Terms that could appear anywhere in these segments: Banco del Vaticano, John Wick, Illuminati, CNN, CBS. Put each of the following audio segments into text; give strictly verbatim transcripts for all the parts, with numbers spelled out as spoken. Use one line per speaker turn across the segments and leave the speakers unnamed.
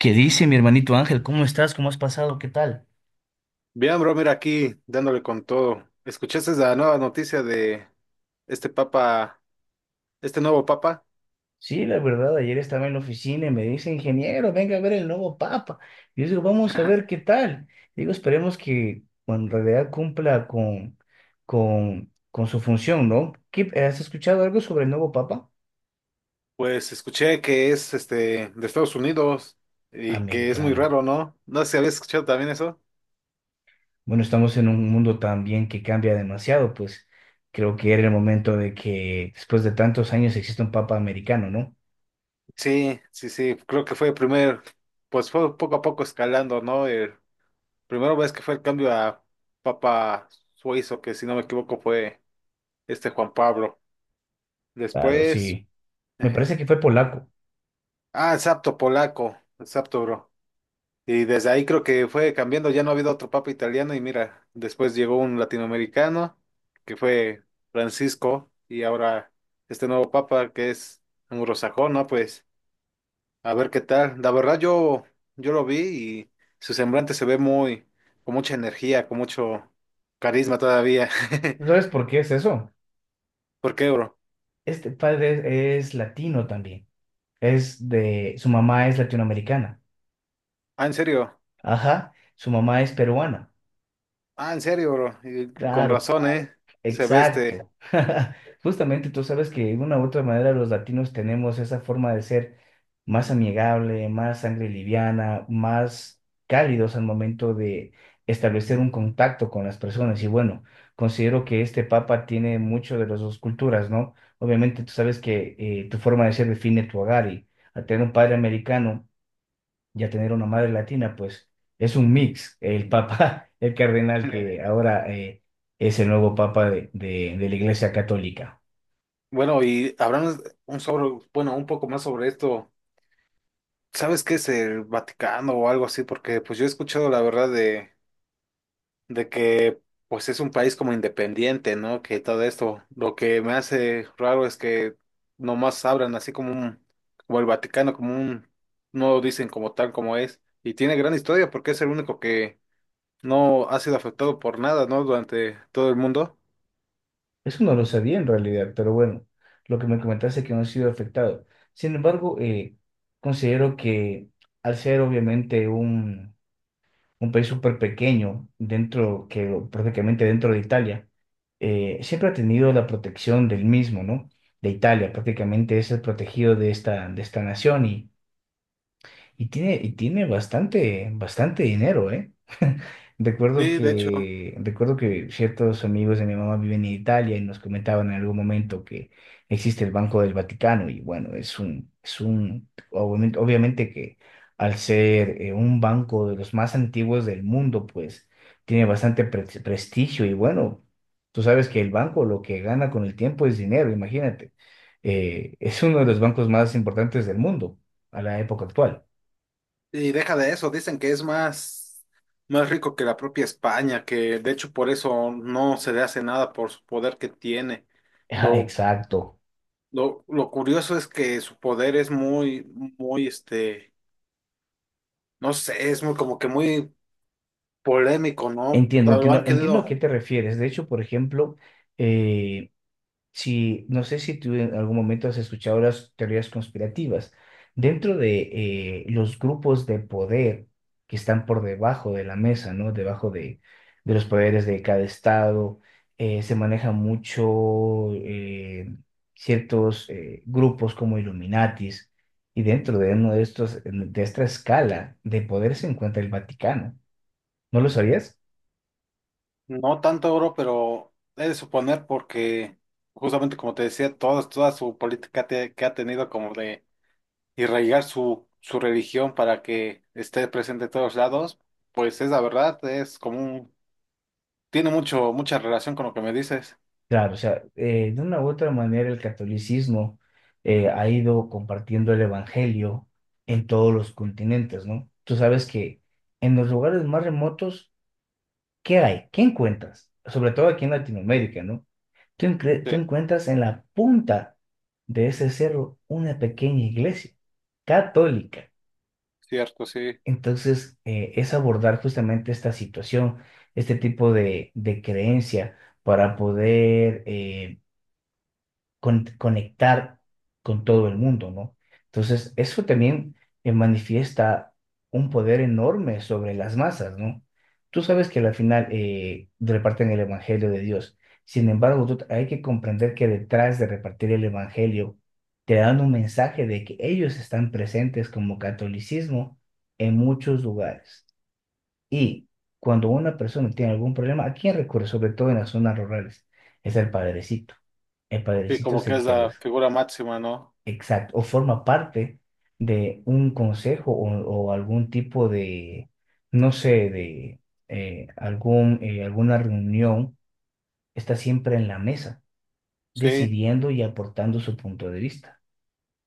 ¿Qué dice mi hermanito Ángel? ¿Cómo estás? ¿Cómo has pasado? ¿Qué tal?
Bien, bro, mira aquí dándole con todo. ¿Escuchaste la nueva noticia de este papa, este nuevo papa?
Sí, la verdad, ayer estaba en la oficina y me dice, ingeniero, venga a ver el nuevo papa. Y yo digo, vamos a ver qué tal. Digo, esperemos que bueno, en realidad cumpla con, con, con su función, ¿no? ¿Qué- has escuchado algo sobre el nuevo papa?
Pues escuché que es este de Estados Unidos y que es muy
Americano.
raro, ¿no? No sé si habías escuchado también eso.
Bueno, estamos en un mundo también que cambia demasiado, pues creo que era el momento de que después de tantos años exista un papa americano, ¿no?
Sí, sí, sí, creo que fue el primer, pues fue poco a poco escalando, ¿no? El primero vez que fue el cambio a Papa Suizo, que si no me equivoco fue este Juan Pablo.
Claro,
Después,
sí. Me
ajá.
parece que fue polaco.
Ah, el sapto polaco, el sapto, bro. Y desde ahí creo que fue cambiando, ya no ha habido otro papa italiano y mira, después llegó un latinoamericano que fue Francisco y ahora este nuevo papa que es anglosajón, ¿no? Pues a ver qué tal. La verdad yo, yo lo vi y su semblante se ve muy, con mucha energía, con mucho carisma todavía.
¿Sabes por qué es eso?
¿Por qué, bro?
Este padre es latino también. Es de, su mamá es latinoamericana.
Ah, en serio.
Ajá, su mamá es peruana.
Ah, en serio, bro. Y con
Claro,
razón, ¿eh? Se ve este.
exacto. Justamente tú sabes que de una u otra manera los latinos tenemos esa forma de ser más amigable, más sangre liviana, más cálidos al momento de establecer un contacto con las personas. Y bueno, considero que este papa tiene mucho de las dos culturas, ¿no? Obviamente tú sabes que eh, tu forma de ser define tu hogar y al tener un padre americano y a tener una madre latina, pues es un mix. El papa, el cardenal que ahora eh, es el nuevo papa de, de- de la Iglesia Católica.
Bueno, y hablamos un sobre, bueno, un poco más sobre esto. ¿Sabes qué es el Vaticano o algo así? Porque pues yo he escuchado la verdad de, de que pues es un país como independiente, ¿no? Que todo esto, lo que me hace raro es que nomás abran así como un, como el Vaticano, como un, no lo dicen como tal como es. Y tiene gran historia porque es el único que no ha sido afectado por nada, ¿no? Durante todo el mundo.
Eso no lo sabía en realidad, pero bueno, lo que me comentaste es que no ha sido afectado. Sin embargo, eh, considero que al ser obviamente un, un país súper pequeño, dentro, que prácticamente dentro de Italia, eh, siempre ha tenido la protección del mismo, ¿no? De Italia, prácticamente es el protegido de esta, de esta nación y, Y tiene, y tiene bastante, bastante dinero, ¿eh? Recuerdo
Sí, de hecho.
que, recuerdo que ciertos amigos de mi mamá viven en Italia y nos comentaban en algún momento que existe el Banco del Vaticano y bueno, es un, es un, obviamente, obviamente que al ser eh, un banco de los más antiguos del mundo, pues tiene bastante pre- prestigio y bueno, tú sabes que el banco lo que gana con el tiempo es dinero, imagínate. Eh, es uno de los bancos más importantes del mundo a la época actual.
Y deja de eso, dicen que es más, más rico que la propia España, que de hecho por eso no se le hace nada por su poder que tiene.
Ah,
Lo,
exacto.
lo, lo curioso es que su poder es muy, muy, este, no sé, es muy como que muy polémico, ¿no?
Entiendo,
Lo han
entiendo, entiendo a qué
querido,
te refieres. De hecho, por ejemplo, eh, si no sé si tú en algún momento has escuchado las teorías conspirativas. Dentro de eh, los grupos de poder que están por debajo de la mesa, ¿no? Debajo de, de los poderes de cada estado, eh, se maneja mucho eh, ciertos eh, grupos como Illuminatis, y dentro de uno de estos, de esta escala de poder se encuentra el Vaticano. ¿No lo sabías?
no tanto oro, pero he de suponer porque justamente como te decía, todas toda su política te- que ha tenido como de y arraigar su, su religión para que esté presente en todos lados, pues es la verdad, es como un, tiene mucho, mucha relación con lo que me dices.
Claro, o sea, eh, de una u otra manera el catolicismo eh, ha ido compartiendo el evangelio en todos los continentes, ¿no? Tú sabes que en los lugares más remotos, ¿qué hay? ¿Qué encuentras? Sobre todo aquí en Latinoamérica, ¿no? Tú, encre- tú
Sí,
encuentras en la punta de ese cerro una pequeña iglesia católica.
cierto, sí.
Entonces, eh, es abordar justamente esta situación, este tipo de, de creencia para poder eh, con- conectar con todo el mundo, ¿no? Entonces, eso también eh, manifiesta un poder enorme sobre las masas, ¿no? Tú sabes que al final eh, reparten el Evangelio de Dios. Sin embargo, tú- hay que comprender que detrás de repartir el Evangelio, te dan un mensaje de que ellos están presentes como catolicismo en muchos lugares. Y cuando una persona tiene algún problema, ¿a quién recurre? Sobre todo en las zonas rurales. Es el padrecito. El
Sí,
padrecito
como
es
que
el
es
que,
la
res-
figura máxima, ¿no?
exacto, o forma parte de un consejo o, o algún tipo de, no sé, de eh, algún, eh, alguna reunión. Está siempre en la mesa,
Sí.
decidiendo y aportando su punto de vista.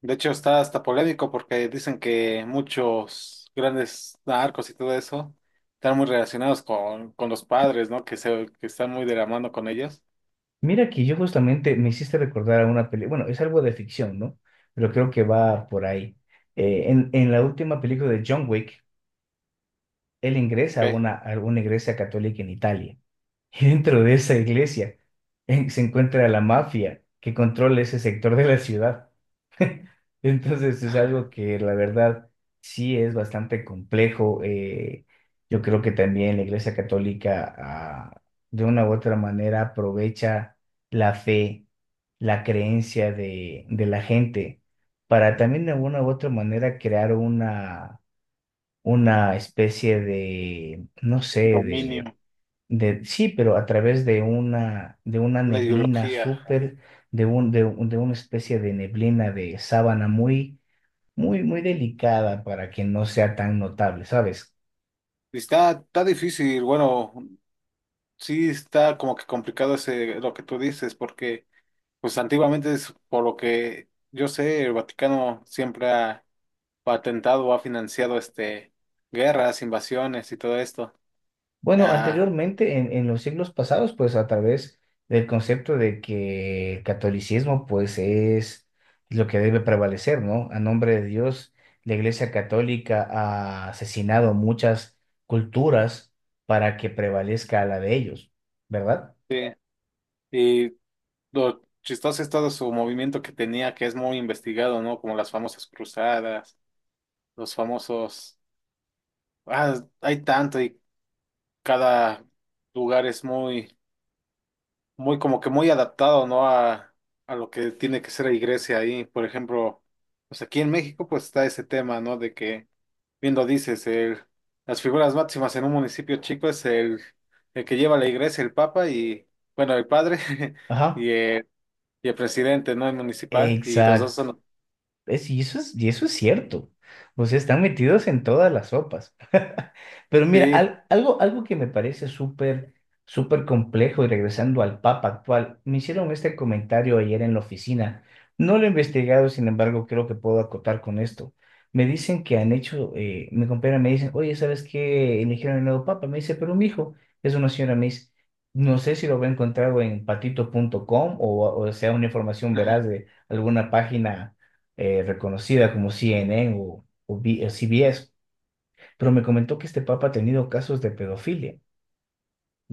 De hecho, está hasta polémico porque dicen que muchos grandes narcos y todo eso están muy relacionados con, con los padres, ¿no? Que se, que están muy de la mano con ellos.
Mira que yo justamente me hiciste recordar a una película, bueno, es algo de ficción, ¿no? Pero creo que va por ahí. Eh, en, en la última película de John Wick, él ingresa a
Ok.
una, a una iglesia católica en Italia. Y dentro de esa iglesia eh, se encuentra la mafia que controla ese sector de la ciudad. Entonces es algo que la verdad sí es bastante complejo. Eh, yo creo que también la Iglesia Católica ah, de una u otra manera aprovecha la fe, la creencia de, de la gente para también de una u otra manera crear una, una especie de, no sé,
Dominio,
de de, sí, pero a través de una, de una
una
neblina
ideología.
súper, de un, de, un- de una especie de neblina de sábana muy, muy, muy delicada para que no sea tan notable, ¿sabes?
Está, está difícil, bueno, sí, está como que complicado ese, lo que tú dices, porque pues antiguamente es por lo que yo sé, el Vaticano siempre ha patentado o ha financiado este guerras, invasiones y todo esto.
Bueno,
Ah,
anteriormente, en, en los siglos pasados, pues a través del concepto de que el catolicismo, pues es lo que debe prevalecer, ¿no? A nombre de Dios, la Iglesia Católica ha asesinado muchas culturas para que prevalezca la de ellos, ¿verdad?
sí. Y lo chistoso es todo su movimiento que tenía, que es muy investigado, ¿no? Como las famosas cruzadas, los famosos, ah, hay tanto y cada lugar es muy muy como que muy adaptado, ¿no? A, a lo que tiene que ser la iglesia ahí. Por ejemplo, pues aquí en México pues está ese tema, ¿no? De que, viendo dices, el, las figuras máximas en un municipio chico es el, el que lleva la iglesia, el papa y, bueno, el padre
Ajá.
y el, y el presidente, ¿no? El municipal. Y los dos
Exacto.
son,
Es, y eso es, y eso es cierto. O sea, están metidos en todas las sopas. Pero mira,
sí,
al- algo, algo que me parece súper, súper complejo y regresando al Papa actual, me hicieron este comentario ayer en la oficina. No lo he investigado, sin embargo, creo que puedo acotar con esto. Me dicen que han hecho, eh, mi compañera me dicen, oye, ¿sabes qué? Eligieron el nuevo Papa. Me dice, pero mi hijo es una señora, me dice, no sé si lo voy a encontrar en patito punto com o, o sea, una información veraz
ajá,
de alguna página eh, reconocida como C N N o, o B- o C B S, pero me comentó que este papa ha tenido casos de pedofilia,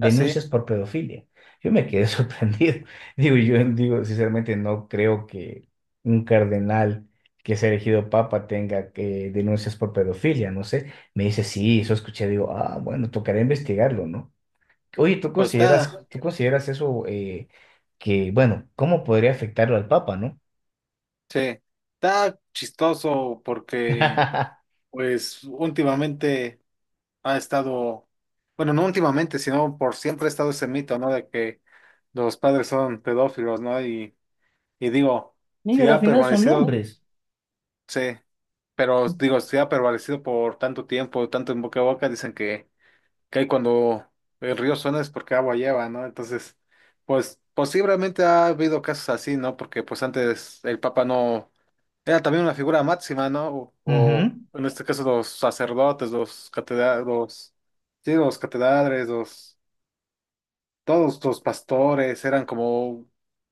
así.
por pedofilia. Yo me quedé sorprendido. Digo, yo digo, sinceramente no creo que un cardenal que sea elegido papa tenga que denuncias por pedofilia, no sé. Me dice, sí, eso escuché, digo, ah, bueno, tocará investigarlo, ¿no? Oye, ¿tú
Pues está,
consideras, tú consideras eso eh, que, bueno, cómo podría afectarlo al papa, ¿no?
sí, está chistoso porque, pues últimamente ha estado, bueno, no últimamente, sino por siempre ha estado ese mito, ¿no? De que los padres son pedófilos, ¿no? Y, y digo,
Mira,
si
al
ha
final son
permanecido,
hombres.
sí, pero digo, si ha permanecido por tanto tiempo, tanto en boca a boca, dicen que, que ahí cuando el río suena es porque agua lleva, ¿no? Entonces, pues posiblemente ha habido casos así, ¿no? Porque pues antes el Papa no era también una figura máxima, ¿no? O,
Ujú.
o en este caso los sacerdotes, los catedrales, los, sí, los catedrales, los, todos los pastores eran como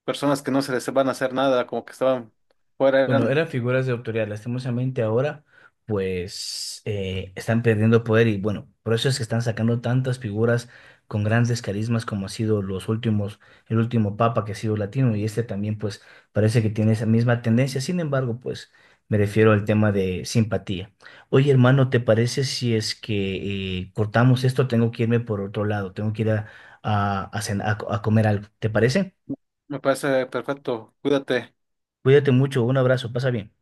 personas que no se les van a hacer nada, como que estaban fuera,
Bueno,
eran,
eran figuras de autoridad. Lastimosamente ahora, pues, eh, están perdiendo poder y bueno, por eso es que están sacando tantas figuras con grandes carismas como ha sido los últimos, el último papa que ha sido latino y este también, pues, parece que tiene esa misma tendencia. Sin embargo, pues, me refiero al tema de simpatía. Oye, hermano, ¿te parece si es que eh, cortamos esto? Tengo que irme por otro lado, tengo que ir a, a, a cen- a co- a comer algo. ¿Te parece?
me parece perfecto, cuídate.
Cuídate mucho, un abrazo, pasa bien.